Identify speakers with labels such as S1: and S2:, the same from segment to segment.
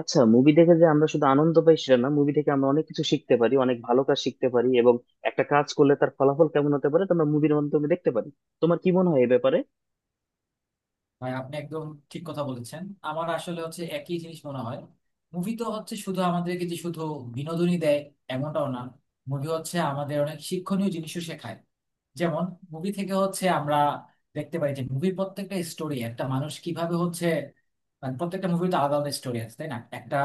S1: আচ্ছা, মুভি দেখে যে আমরা শুধু আনন্দ পাই সেটা না, মুভি থেকে আমরা অনেক কিছু শিখতে পারি, অনেক ভালো কাজ শিখতে পারি এবং একটা কাজ করলে তার ফলাফল কেমন হতে পারে তা আমরা মুভির মাধ্যমে দেখতে পারি। তোমার কি মনে হয় এ ব্যাপারে?
S2: ভাই আপনি একদম ঠিক কথা বলেছেন। আমার আসলে হচ্ছে একই জিনিস মনে হয়। মুভি তো হচ্ছে শুধু আমাদেরকে যে শুধু বিনোদনই দেয়, এমনটাও না। মুভি হচ্ছে আমাদের অনেক শিক্ষণীয় জিনিসও শেখায়। যেমন মুভি থেকে হচ্ছে আমরা দেখতে পাই যে মুভির প্রত্যেকটা স্টোরি একটা মানুষ কিভাবে হচ্ছে, মানে প্রত্যেকটা মুভি তো আলাদা আলাদা স্টোরি আছে, তাই না? একটা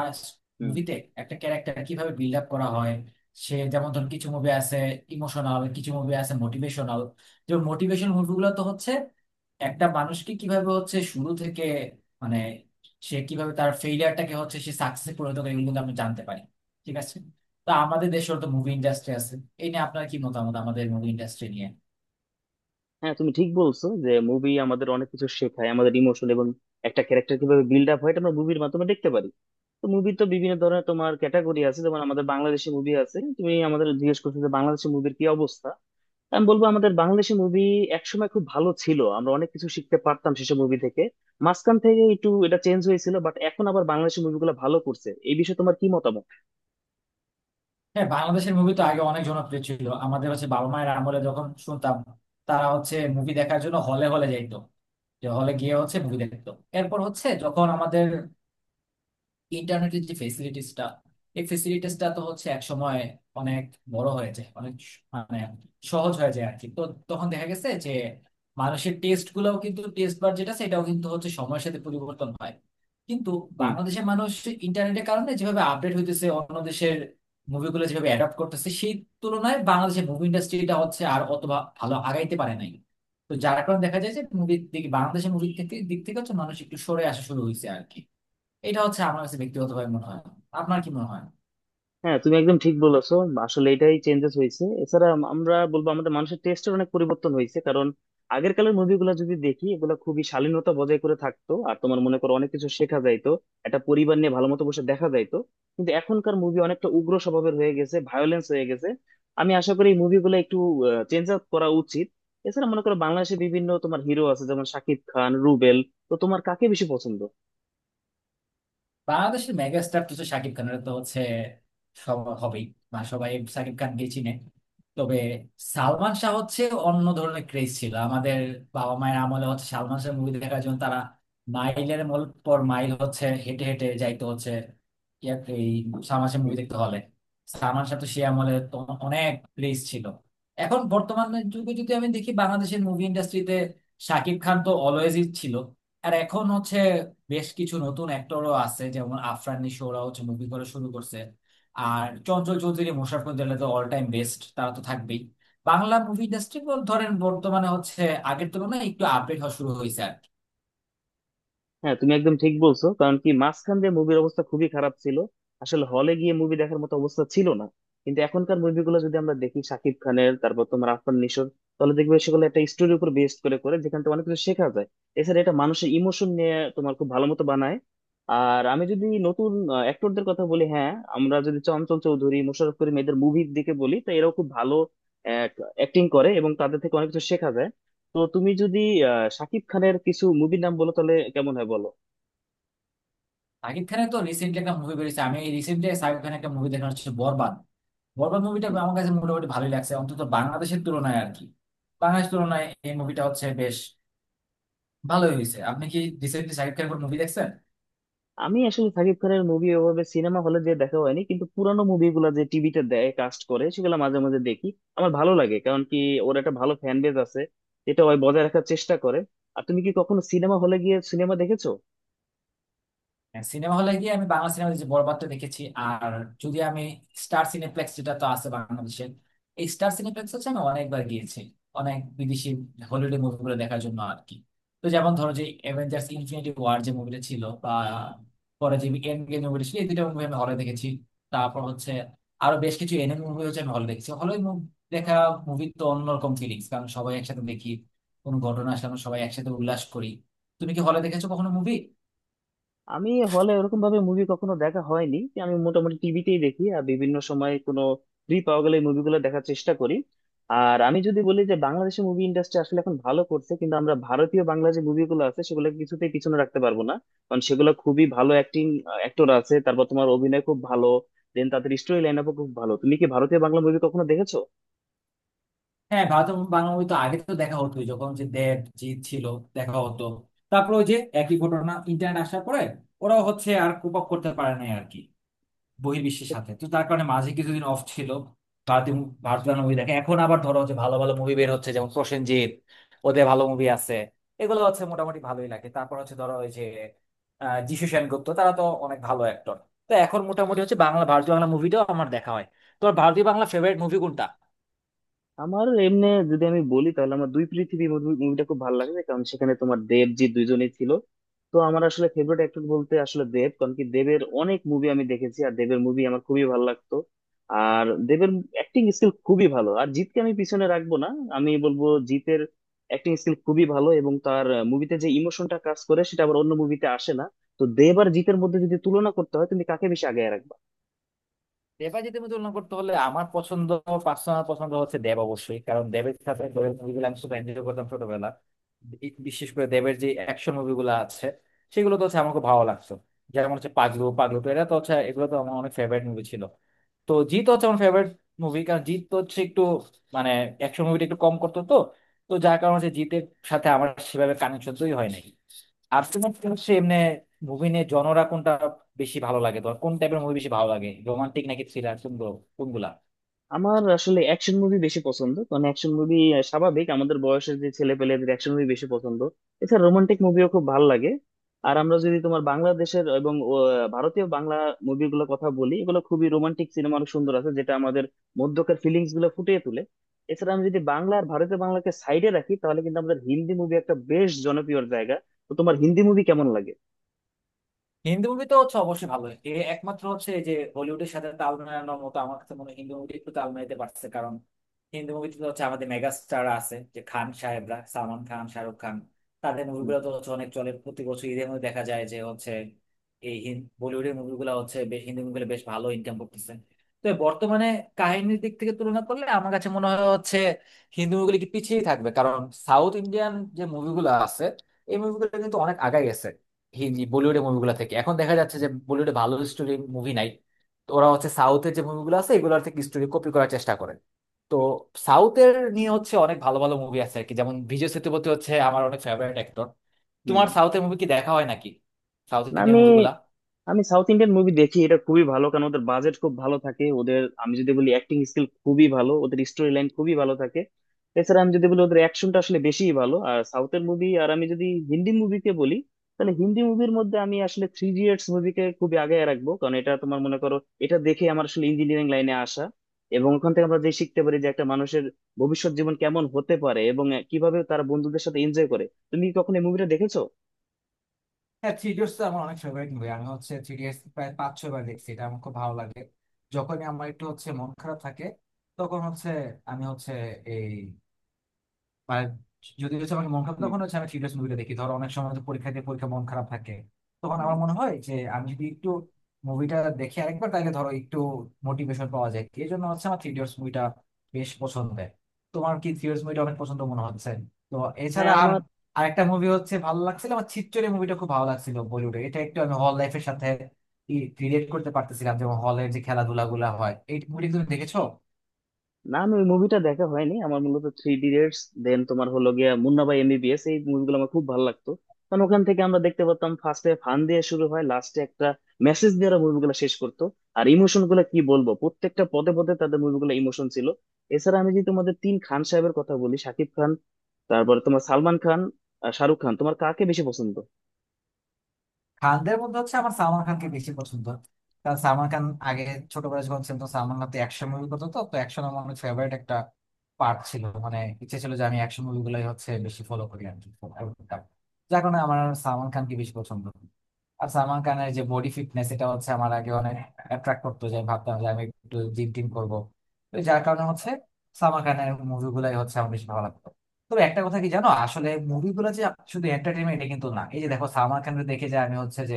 S1: হুম।
S2: মুভিতে একটা ক্যারেক্টার কিভাবে বিল্ড আপ করা হয়। সে যেমন ধরুন কিছু মুভি আছে ইমোশনাল, কিছু মুভি আছে মোটিভেশনাল। যেমন মোটিভেশন মুভিগুলো তো হচ্ছে একটা মানুষকে কিভাবে হচ্ছে শুরু থেকে, মানে সে কিভাবে তার ফেইলিয়ারটাকে হচ্ছে সে সাকসেসে পরিণত করে, এগুলো কিন্তু আমরা জানতে পারি। ঠিক আছে, তো আমাদের দেশের তো মুভি ইন্ডাস্ট্রি আছে, এই নিয়ে আপনার কি মতামত আমাদের মুভি ইন্ডাস্ট্রি নিয়ে?
S1: হ্যাঁ, তুমি ঠিক বলছো যে মুভি আমাদের অনেক কিছু শেখায়, আমাদের ইমোশন এবং একটা ক্যারেক্টার কিভাবে বিল্ড আপ হয় এটা আমরা মুভির মাধ্যমে দেখতে পারি। তো মুভি তো বিভিন্ন ধরনের, তোমার ক্যাটাগরি আছে, যেমন আমাদের বাংলাদেশি মুভি আছে। তুমি আমাদের জিজ্ঞেস করছো যে বাংলাদেশি মুভির কি অবস্থা। আমি বলবো আমাদের বাংলাদেশি মুভি একসময় খুব ভালো ছিল, আমরা অনেক কিছু শিখতে পারতাম সেসব মুভি থেকে। মাঝখান থেকে একটু এটা চেঞ্জ হয়েছিল, বাট এখন আবার বাংলাদেশি মুভিগুলো ভালো করছে। এই বিষয়ে তোমার কি মতামত?
S2: হ্যাঁ, বাংলাদেশের মুভি তো আগে অনেক জনপ্রিয় ছিল। আমাদের হচ্ছে বাবা মায়ের আমলে যখন শুনতাম, তারা হচ্ছে মুভি দেখার জন্য হলে হলে যাইতো, যে হলে গিয়ে হচ্ছে মুভি দেখতো। এরপর হচ্ছে যখন আমাদের ইন্টারনেটের যে ফেসিলিটিসটা, এই ফেসিলিটিসটা তো হচ্ছে এক সময় অনেক বড় হয়ে যায়, অনেক মানে সহজ হয়ে যায় আর কি। তো তখন দেখা গেছে যে মানুষের টেস্ট গুলাও কিন্তু, টেস্ট বার যেটা, সেটাও কিন্তু হচ্ছে সময়ের সাথে পরিবর্তন হয়। কিন্তু বাংলাদেশের মানুষ ইন্টারনেটের কারণে যেভাবে আপডেট হইতেছে, অন্য দেশের মুভিগুলো যেভাবে অ্যাডাপ্ট করতেছে, সেই তুলনায় বাংলাদেশের মুভি ইন্ডাস্ট্রিটা হচ্ছে আর অত ভালো আগাইতে পারে নাই। তো যার কারণে দেখা যায় যে মুভির দিকে, বাংলাদেশের মুভির দিক থেকে হচ্ছে মানুষ একটু সরে আসা শুরু হয়েছে আর কি। এটা হচ্ছে আমার কাছে ব্যক্তিগতভাবে মনে হয়। আপনার কি মনে হয়?
S1: হ্যাঁ, তুমি একদম ঠিক বলেছো। আসলে এটাই চেঞ্জেস হয়েছে। এছাড়া আমরা বলবো আমাদের মানুষের টেস্টের অনেক পরিবর্তন হয়েছে। কারণ আগের কালের মুভিগুলো যদি দেখি, এগুলো খুবই শালীনতা বজায় করে থাকতো আর তোমার মনে করো অনেক কিছু শেখা যাইতো, একটা পরিবার নিয়ে ভালো মতো বসে দেখা যাইতো। কিন্তু এখনকার মুভি অনেকটা উগ্র স্বভাবের হয়ে গেছে, ভায়োলেন্স হয়ে গেছে। আমি আশা করি এই মুভিগুলো একটু চেঞ্জ আপ করা উচিত। এছাড়া মনে করো বাংলাদেশে বিভিন্ন তোমার হিরো আছে, যেমন শাকিব খান, রুবেল। তো তোমার কাকে বেশি পছন্দ?
S2: বাংলাদেশের মেগা স্টার তো হচ্ছে শাকিব খান, এটা তো হচ্ছে সব হবেই, মানে সবাই শাকিব খানকে চিনে। তবে সালমান শাহ হচ্ছে অন্য ধরনের ক্রেজ ছিল। আমাদের বাবা মায়ের আমলে হচ্ছে সালমান শাহ মুভি দেখার জন্য তারা মাইলের পর মাইল হচ্ছে হেঁটে হেঁটে যাইতো হচ্ছে এই সালমান শাহ মুভি দেখতে হলে। সালমান শাহ তো সে আমলে তো অনেক ক্রেজ ছিল। এখন বর্তমান যুগে যদি আমি দেখি বাংলাদেশের মুভি ইন্ডাস্ট্রিতে, শাকিব খান তো অলওয়েজই ছিল। আর এখন হচ্ছে বেশ কিছু নতুন অ্যাক্টরও আছে, যেমন আফরান নিশো, ওরা হচ্ছে মুভি করা শুরু করছে। আর চঞ্চল চৌধুরী, মোশাররফ করিমের তো অল টাইম বেস্ট, তারা তো থাকবেই। বাংলা মুভি ইন্ডাস্ট্রি ধরেন বর্তমানে হচ্ছে আগের তুলনায় একটু আপডেট হওয়া শুরু হয়েছে আর কি।
S1: হ্যাঁ, তুমি একদম ঠিক বলছো। কারণ কি, মাঝখান দিয়ে মুভির অবস্থা খুবই খারাপ ছিল, আসলে হলে গিয়ে মুভি দেখার মতো অবস্থা ছিল না। কিন্তু এখনকার মুভিগুলো যদি আমরা দেখি, শাকিব খানের, তারপর তোমার আরফান নিশোর, তাহলে দেখবে সেগুলো একটা স্টোরির উপর বেস করে করে, যেখান থেকে অনেক কিছু শেখা যায়। এছাড়া এটা মানুষের ইমোশন নিয়ে তোমার খুব ভালো মতো বানায়। আর আমি যদি নতুন অ্যাক্টরদের কথা বলি, হ্যাঁ, আমরা যদি চঞ্চল চৌধুরী, মোশাররফ করিম, এদের মুভির দিকে বলি, তো এরাও খুব ভালো অ্যাক্টিং করে এবং তাদের থেকে অনেক কিছু শেখা যায়। তো তুমি যদি শাকিব খানের কিছু মুভির নাম বলো তাহলে কেমন হয়, বলো।
S2: শাকিব খানের তো রিসেন্টলি একটা মুভি বেরিয়েছে, আমি রিসেন্টলি শাকিব খানের একটা মুভি দেখা হচ্ছে বরবাদ। বরবাদ মুভিটা আমার কাছে মোটামুটি ভালোই লাগছে, অন্তত বাংলাদেশের তুলনায় আর কি। বাংলাদেশের তুলনায় এই মুভিটা হচ্ছে বেশ ভালোই হয়েছে। আপনি কি রিসেন্টলি শাকিব খানের মুভি দেখছেন?
S1: আমি আসলে সাকিব খানের মুভি ওভাবে সিনেমা হলে যে দেখা হয়নি, কিন্তু পুরানো মুভিগুলো যে টিভিতে দেয়, কাস্ট করে, সেগুলো মাঝে মাঝে দেখি। আমার ভালো লাগে, কারণ কি ওর একটা ভালো ফ্যান বেজ আছে, যেটা ওই বজায় রাখার চেষ্টা করে। আর তুমি কি কখনো সিনেমা হলে গিয়ে সিনেমা দেখেছো?
S2: সিনেমা হলে গিয়ে আমি বাংলা সিনেমা যে বরবাদটা দেখেছি, আর যদি আমি স্টার সিনেপ্লেক্স যেটা তো আছে বাংলাদেশের, এই স্টার সিনেপ্লেক্স হচ্ছে আমি অনেকবার গিয়েছি অনেক বিদেশি হলিউডের মুভিগুলো দেখার জন্য আর কি। তো যেমন ধরো যে অ্যাভেঞ্জার্স ইনফিনিটি ওয়ার যে মুভিটা ছিল, বা পরে যে এন্ড গেম মুভিটা ছিল, এই দুটো মুভি আমি হলে দেখেছি। তারপর হচ্ছে আরো বেশ কিছু এনিমে মুভি হচ্ছে আমি হলে দেখেছি। হলে দেখা মুভি তো অন্যরকম ফিলিংস, কারণ সবাই একসাথে দেখি, কোনো ঘটনা আসলে আমরা সবাই একসাথে উল্লাস করি। তুমি কি হলে দেখেছো কখনো মুভি?
S1: আমি হলে ওরকম ভাবে মুভি কখনো দেখা হয়নি, আমি মোটামুটি টিভিতেই দেখি, আর বিভিন্ন সময় কোনো ফ্রি পাওয়া গেলে মুভিগুলো দেখার চেষ্টা করি। আর আমি যদি বলি যে বাংলাদেশের মুভি ইন্ডাস্ট্রি আসলে এখন ভালো করছে, কিন্তু আমরা ভারতীয় বাংলা যে মুভিগুলো আছে সেগুলো কিছুতেই পিছনে রাখতে পারবো না। কারণ সেগুলো খুবই ভালো অ্যাক্টিং, অ্যাক্টর আছে, তারপর তোমার অভিনয় খুব ভালো, দেন তাদের স্টোরি লাইন আপও খুব ভালো। তুমি কি ভারতীয় বাংলা মুভি কখনো দেখেছো?
S2: হ্যাঁ, ভারত এবং বাংলা মুভি তো আগে তো দেখা হতো, যখন যে দেব জিৎ ছিল দেখা হতো। তারপর ওই যে একই ঘটনা ইন্টারনেট আসার পরে ওরাও হচ্ছে আর কোপ আপ করতে পারে নাই আর কি বহির্বিশ্বের সাথে। তো তার কারণে মাঝে কিছুদিন অফ ছিল ভারতীয় মুভি দেখে। এখন আবার ধরো হচ্ছে ভালো ভালো মুভি বের হচ্ছে যেমন প্রসেনজিৎ, ওদের ভালো মুভি আছে, এগুলো হচ্ছে মোটামুটি ভালোই লাগে। তারপর হচ্ছে ধরো ওই যে যিশু সেনগুপ্ত, তারা তো অনেক ভালো অ্যাক্টর। তো এখন মোটামুটি হচ্ছে বাংলা ভারতীয় বাংলা মুভিটাও আমার দেখা হয়। তোমার ভারতীয় বাংলা ফেভারিট মুভি কোনটা?
S1: আমার এমনি যদি আমি বলি, তাহলে আমার দুই পৃথিবী মুভিটা খুব ভালো লাগে, কারণ সেখানে তোমার দেব, জি, দুইজনেই ছিল। তো আমার আসলে ফেভারিট অ্যাক্টর বলতে আসলে দেব, কারণ কি দেবের অনেক মুভি আমি দেখেছি আর দেবের মুভি আমার খুবই ভালো লাগতো। আর দেবের অ্যাক্টিং স্কিল খুবই ভালো। আর জিতকে আমি পিছনে রাখবো না, আমি বলবো জিতের অ্যাক্টিং স্কিল খুবই ভালো, এবং তার মুভিতে যে ইমোশনটা কাজ করে সেটা আবার অন্য মুভিতে আসে না। তো দেব আর জিতের মধ্যে যদি তুলনা করতে হয়, তুমি কাকে বেশি আগে রাখবে?
S2: দেবাজিতের মধ্যে তুলনা করতে হলে আমার পছন্দ, পার্সোনাল পছন্দ হচ্ছে দেব অবশ্যই, কারণ দেবের সাথে, দেবের মুভিগুলো আমি খুব এনজয় করতাম ছোটবেলা। বিশেষ করে দেবের যে অ্যাকশন মুভিগুলো আছে সেগুলো তো হচ্ছে আমার খুব ভালো লাগতো। যেমন হচ্ছে পাগলু, পাগলু তো এটা তো হচ্ছে, এগুলো তো আমার অনেক ফেভারিট মুভি ছিল। তো জিত হচ্ছে আমার ফেভারিট মুভি, কারণ জিত তো হচ্ছে একটু, মানে অ্যাকশন মুভিটা একটু কম করতো, তো তো যার কারণে হচ্ছে জিতের সাথে আমার সেভাবে কানেকশন তৈরি হয় নাই। আর তোমার কি হচ্ছে এমনি মুভি নিয়ে জনরা কোনটা বেশি ভালো লাগে? তোমার কোন টাইপের মুভি বেশি ভালো লাগে, রোমান্টিক নাকি থ্রিলার, কোনগুলো কোনগুলা?
S1: আমার আসলে অ্যাকশন মুভি বেশি পছন্দ, কারণ অ্যাকশন মুভি স্বাভাবিক আমাদের বয়সের যে ছেলে পেলেদের অ্যাকশন মুভি বেশি পছন্দ। এছাড়া রোমান্টিক মুভিও খুব ভালো লাগে। আর আমরা যদি তোমার বাংলাদেশের এবং ভারতীয় বাংলা মুভিগুলোর কথা বলি, এগুলো খুবই রোমান্টিক, সিনেমা অনেক সুন্দর আছে যেটা আমাদের মধ্যকার ফিলিংস গুলো ফুটিয়ে তোলে। এছাড়া আমি যদি বাংলা আর ভারতীয় বাংলাকে সাইডে রাখি, তাহলে কিন্তু আমাদের হিন্দি মুভি একটা বেশ জনপ্রিয় জায়গা। তো তোমার হিন্দি মুভি কেমন লাগে?
S2: হিন্দি মুভি তো হচ্ছে অবশ্যই ভালো। এ একমাত্র হচ্ছে এই যে হলিউডের সাথে তাল মেলানোর মতো আমার কাছে মনে হয় হিন্দি মুভি একটু তাল মেলাতে পারছে, কারণ হিন্দি মুভিতে তো হচ্ছে আমাদের মেগা স্টার আছে, যে খান সাহেবরা, সালমান খান, শাহরুখ খান, তাদের
S1: হুম।
S2: মুভিগুলো তো হচ্ছে অনেক চলে। প্রতি বছর ঈদের মধ্যে দেখা যায় যে হচ্ছে এই বলিউডের মুভিগুলো হচ্ছে বেশ, হিন্দি মুভিগুলো বেশ ভালো ইনকাম করতেছে। তো বর্তমানে কাহিনীর দিক থেকে তুলনা করলে আমার কাছে মনে হয় হচ্ছে হিন্দি মুভিগুলো কি পিছিয়েই থাকবে, কারণ সাউথ ইন্ডিয়ান যে মুভিগুলো আছে, এই মুভিগুলো কিন্তু অনেক আগায় গেছে হি জি বলিউডের মুভিগুলো থেকে। এখন দেখা যাচ্ছে যে বলিউডে ভালো স্টোরি মুভি নাই, তো ওরা হচ্ছে সাউথের যে মুভিগুলো আছে এগুলোর থেকে স্টোরি কপি করার চেষ্টা করে। তো সাউথের নিয়ে হচ্ছে অনেক ভালো ভালো মুভি আছে আর কি, যেমন বিজয় সেতুপতি হচ্ছে আমার অনেক ফেভারিট অ্যাক্টর।
S1: হুম।
S2: তোমার সাউথের মুভি কি দেখা হয় নাকি, সাউথ
S1: না,
S2: ইন্ডিয়ান
S1: আমি
S2: মুভিগুলা?
S1: আমি সাউথ ইন্ডিয়ান মুভি দেখি, এটা খুবই ভালো কারণ ওদের বাজেট খুব ভালো থাকে, ওদের আমি যদি বলি অ্যাক্টিং স্কিল খুবই ভালো, ওদের স্টোরি লাইন খুবই ভালো থাকে। এছাড়া আমি যদি বলি ওদের অ্যাকশনটা আসলে বেশিই ভালো আর সাউথের মুভি। আর আমি যদি হিন্দি মুভিকে বলি, তাহলে হিন্দি মুভির মধ্যে আমি আসলে থ্রি ইডিয়টস মুভিকে খুবই আগে রাখবো, কারণ এটা তোমার মনে করো এটা দেখে আমার আসলে ইঞ্জিনিয়ারিং লাইনে আসা, এবং ওখান থেকে আমরা যে শিখতে পারি যে একটা মানুষের ভবিষ্যৎ জীবন কেমন হতে পারে এবং কিভাবে তারা বন্ধুদের সাথে এনজয় করে। তুমি কি কখনো এই মুভিটা দেখেছো?
S2: হ্যাঁ, থ্রি ইডিয়টস তো আমার অনেক ফেভারিট মুভি। আমি হচ্ছে থ্রি ইডিয়টস প্রায় 5 6 বার দেখছি, এটা আমার খুব ভালো লাগে। যখনই আমার একটু হচ্ছে মন খারাপ থাকে, তখন হচ্ছে আমি হচ্ছে এই, আর যদি হচ্ছে আমাকে মন খারাপ,
S1: হুম।
S2: তখন হচ্ছে আমি থ্রিলার্স মুভিটা দেখি। ধরো অনেক সময় তো পরীক্ষা দিয়ে পরীক্ষা মন খারাপ থাকে, তখন
S1: হুম।
S2: আমার মনে হয় যে আমি যদি একটু মুভিটা দেখি আরেকবার, তাহলে ধরো একটু মোটিভেশন পাওয়া যায়, এই জন্য হচ্ছে আমার থ্রিলার্স মুভিটা বেশ পছন্দের। তোমার কি থ্রিলার্স মুভিটা অনেক পছন্দ মনে হচ্ছে? তো
S1: হ্যাঁ,
S2: এছাড়া আর
S1: আমার।
S2: আরেকটা মুভি হচ্ছে ভালো লাগছিল আমার, ছিচ্চরে মুভিটা খুব ভালো লাগছিল বলিউডে, এটা একটু আমি হল লাইফের সাথে রিলেট করতে পারতেছিলাম, যেমন হলের যে খেলাধুলা গুলা হয়। এই মুভিটা তুমি দেখেছো?
S1: না, আমি ওই মুভিটা দেখা হয়নি, আমার মূলত থ্রি ইডিয়টস, দেন তোমার হলো গিয়া মুন্না ভাই এমবিবিএস, এই মুভিগুলো আমার খুব ভালো লাগতো। কারণ ওখান থেকে আমরা দেখতে পারতাম ফার্স্টে ফান দিয়ে শুরু হয়, লাস্টে একটা মেসেজ দিয়ে ওরা মুভিগুলো শেষ করতো। আর ইমোশন গুলো কি বলবো, প্রত্যেকটা পদে পদে তাদের মুভিগুলো ইমোশন ছিল। এছাড়া আমি যদি তোমাদের তিন খান সাহেবের কথা বলি, শাকিব খান, তারপরে তোমার সালমান খান, আর শাহরুখ খান, তোমার কাকে বেশি পছন্দ?
S2: খানদের মধ্যে হচ্ছে আমার সালমান খানকে বেশি পছন্দ, কারণ সালমান খান আগে ছোটবেলায় যখন ছিল, তো সালমান খান তো অ্যাকশন মুভি করতো, তো তো অ্যাকশন আমার অনেক ফেভারিট একটা পার্ট ছিল, মানে ইচ্ছে ছিল যে আমি অ্যাকশন মুভিগুলোই হচ্ছে বেশি ফলো করি আর কি, follow করতাম। যার কারণে আমার সালমান খানকে বেশি পছন্দ। আর সালমান খানের যে বডি ফিটনেস, এটা হচ্ছে আমার আগে অনেক অ্যাট্রাক্ট করতো, যে আমি ভাবতাম যে আমি একটু জিম টিম করবো। তো যার কারণে হচ্ছে সালমান খানের মুভিগুলাই হচ্ছে আমার বেশি ভালো লাগতো। তবে একটা কথা কি জানো, আসলে মুভিগুলো যে শুধু এন্টারটেনমেন্ট, এটা কিন্তু না। এই যে দেখো সালমান খানকে দেখে যে আমি হচ্ছে যে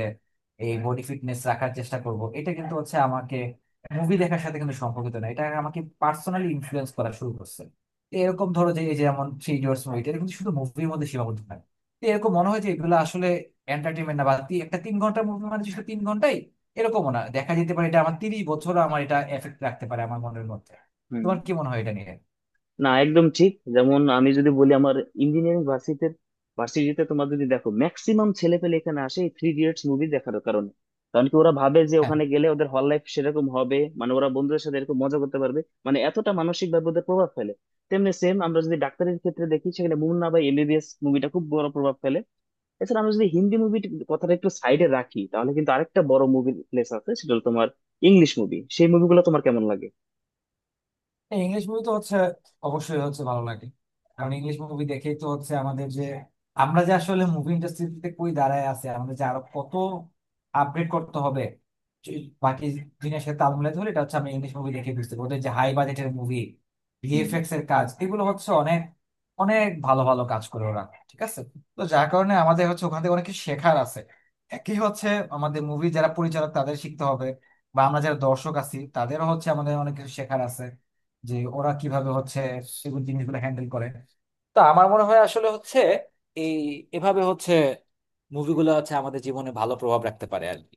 S2: এই বডি ফিটনেস রাখার চেষ্টা করব, এটা কিন্তু হচ্ছে আমাকে মুভি দেখার সাথে কিন্তু সম্পর্কিত না, এটা আমাকে পার্সোনালি ইনফ্লুয়েন্স করা শুরু করছে। তো এরকম ধরো যে এই যে যেমন থ্রি ইডিয়টস মুভিটা, এটা কিন্তু শুধু মুভির মধ্যে সীমাবদ্ধ থাকে। তো এরকম মনে হয় যে এগুলো আসলে এন্টারটেনমেন্ট না, বা একটা 3 ঘন্টার মুভি মানে যে শুধু 3 ঘন্টাই, এরকমও না, দেখা যেতে পারে এটা আমার 30 বছর আমার এটা এফেক্ট রাখতে পারে আমার মনের মধ্যে।
S1: হুম।
S2: তোমার কি মনে হয় এটা নিয়ে?
S1: না, একদম ঠিক। যেমন আমি যদি বলি, আমার ইঞ্জিনিয়ারিং ভার্সিটিতে ভার্সিটিতে তোমার যদি দেখো ম্যাক্সিমাম ছেলে পেলে এখানে আসে এই থ্রি ইডিয়টস মুভি দেখার কারণে। কারণ কি ওরা ভাবে যে
S2: হ্যাঁ।
S1: ওখানে গেলে ওদের হল লাইফ সেরকম হবে, মানে ওরা বন্ধুদের সাথে এরকম মজা করতে পারবে। মানে এতটা মানসিক ভাবে ওদের প্রভাব ফেলে। তেমনি সেম আমরা যদি ডাক্তারের ক্ষেত্রে দেখি, সেখানে মুন্না বা এমবিবিএস মুভিটা খুব বড় প্রভাব ফেলে। এছাড়া আমরা যদি হিন্দি মুভি কথাটা একটু সাইডে রাখি, তাহলে কিন্তু আরেকটা বড় মুভি প্লেস আছে, সেটা হলো তোমার ইংলিশ মুভি। সেই মুভিগুলো তোমার কেমন লাগে?
S2: ইংলিশ মুভি তো হচ্ছে অবশ্যই হচ্ছে ভালো লাগে, কারণ ইংলিশ মুভি দেখেই তো হচ্ছে আমাদের যে, আমরা যে আসলে মুভি ইন্ডাস্ট্রিতে কই দাঁড়ায় আছে, আমাদের যে আরো কত আপডেট করতে হবে, যে- বাকি জিনিসের সাথে তাল মিলাই ধরে। এটা হচ্ছে আমি ইংলিশ মুভি দেখে বুঝতে পারি ওদের যে হাই বাজেটের মুভি,
S1: হুম।
S2: ভিএফএক্স এর কাজ, এগুলো হচ্ছে অনেক অনেক ভালো ভালো কাজ করে ওরা। ঠিক আছে, তো যার কারণে আমাদের হচ্ছে ওখান থেকে অনেক কিছু শেখার আছে। একই হচ্ছে আমাদের মুভি যারা পরিচালক তাদের শিখতে হবে, বা আমরা যারা দর্শক আছি তাদেরও হচ্ছে আমাদের অনেক কিছু শেখার আছে, যে ওরা কিভাবে হচ্ছে এগুলো জিনিসগুলো হ্যান্ডেল করে। তা আমার মনে হয় আসলে হচ্ছে এই এভাবে হচ্ছে মুভিগুলো হচ্ছে আমাদের জীবনে ভালো প্রভাব রাখতে পারে আর কি।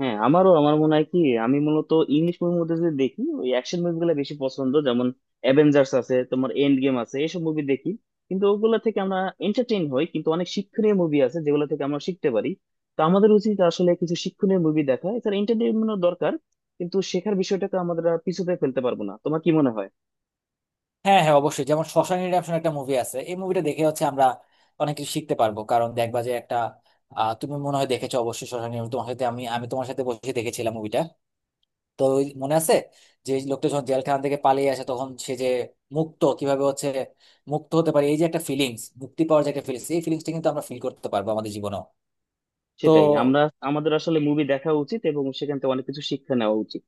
S1: হ্যাঁ, আমারও। আমার মনে হয় কি, আমি মূলত ইংলিশ মুভির মধ্যে যদি দেখি, ওই অ্যাকশন মুভিগুলো বেশি পছন্দ, যেমন অ্যাভেঞ্জার্স আছে, তোমার এন্ড গেম আছে, এইসব মুভি দেখি। কিন্তু ওগুলো থেকে আমরা এন্টারটেইন হই, কিন্তু অনেক শিক্ষণীয় মুভি আছে যেগুলো থেকে আমরা শিখতে পারি। তো আমাদের উচিত আসলে কিছু শিক্ষণীয় মুভি দেখা, এছাড়া এন্টারটেইনমেন্টও দরকার, কিন্তু শেখার বিষয়টাকে আমাদের আর পিছুতে ফেলতে পারবো না। তোমার কি মনে হয়?
S2: হ্যাঁ হ্যাঁ, অবশ্যই। যেমন শশাঙ্ক রিডেম্পশন একটা মুভি আছে, এই মুভিটা দেখে হচ্ছে আমরা অনেক কিছু শিখতে পারবো, কারণ দেখবা যে একটা, তুমি মনে হয় দেখেছো অবশ্যই শশাঙ্ক Redemption, তোমার সাথে আমি আমি তোমার সাথে বসে দেখেছিলাম মুভিটা, তো ওই মনে আছে, যে এই লোকটা যখন জেলখানা থেকে পালিয়ে আসে, তখন সে যে মুক্ত কিভাবে হচ্ছে মুক্ত হতে পারে, এই যে একটা ফিলিংস মুক্তি পাওয়ার, যে একটা ফিলিংস, এই ফিলিংসটা কিন্তু আমরা ফিল করতে পারবো আমাদের জীবনে। তো
S1: সেটাই। আমরা, আমাদের আসলে মুভি দেখা উচিত এবং সেখান থেকে অনেক কিছু শিক্ষা নেওয়া উচিত।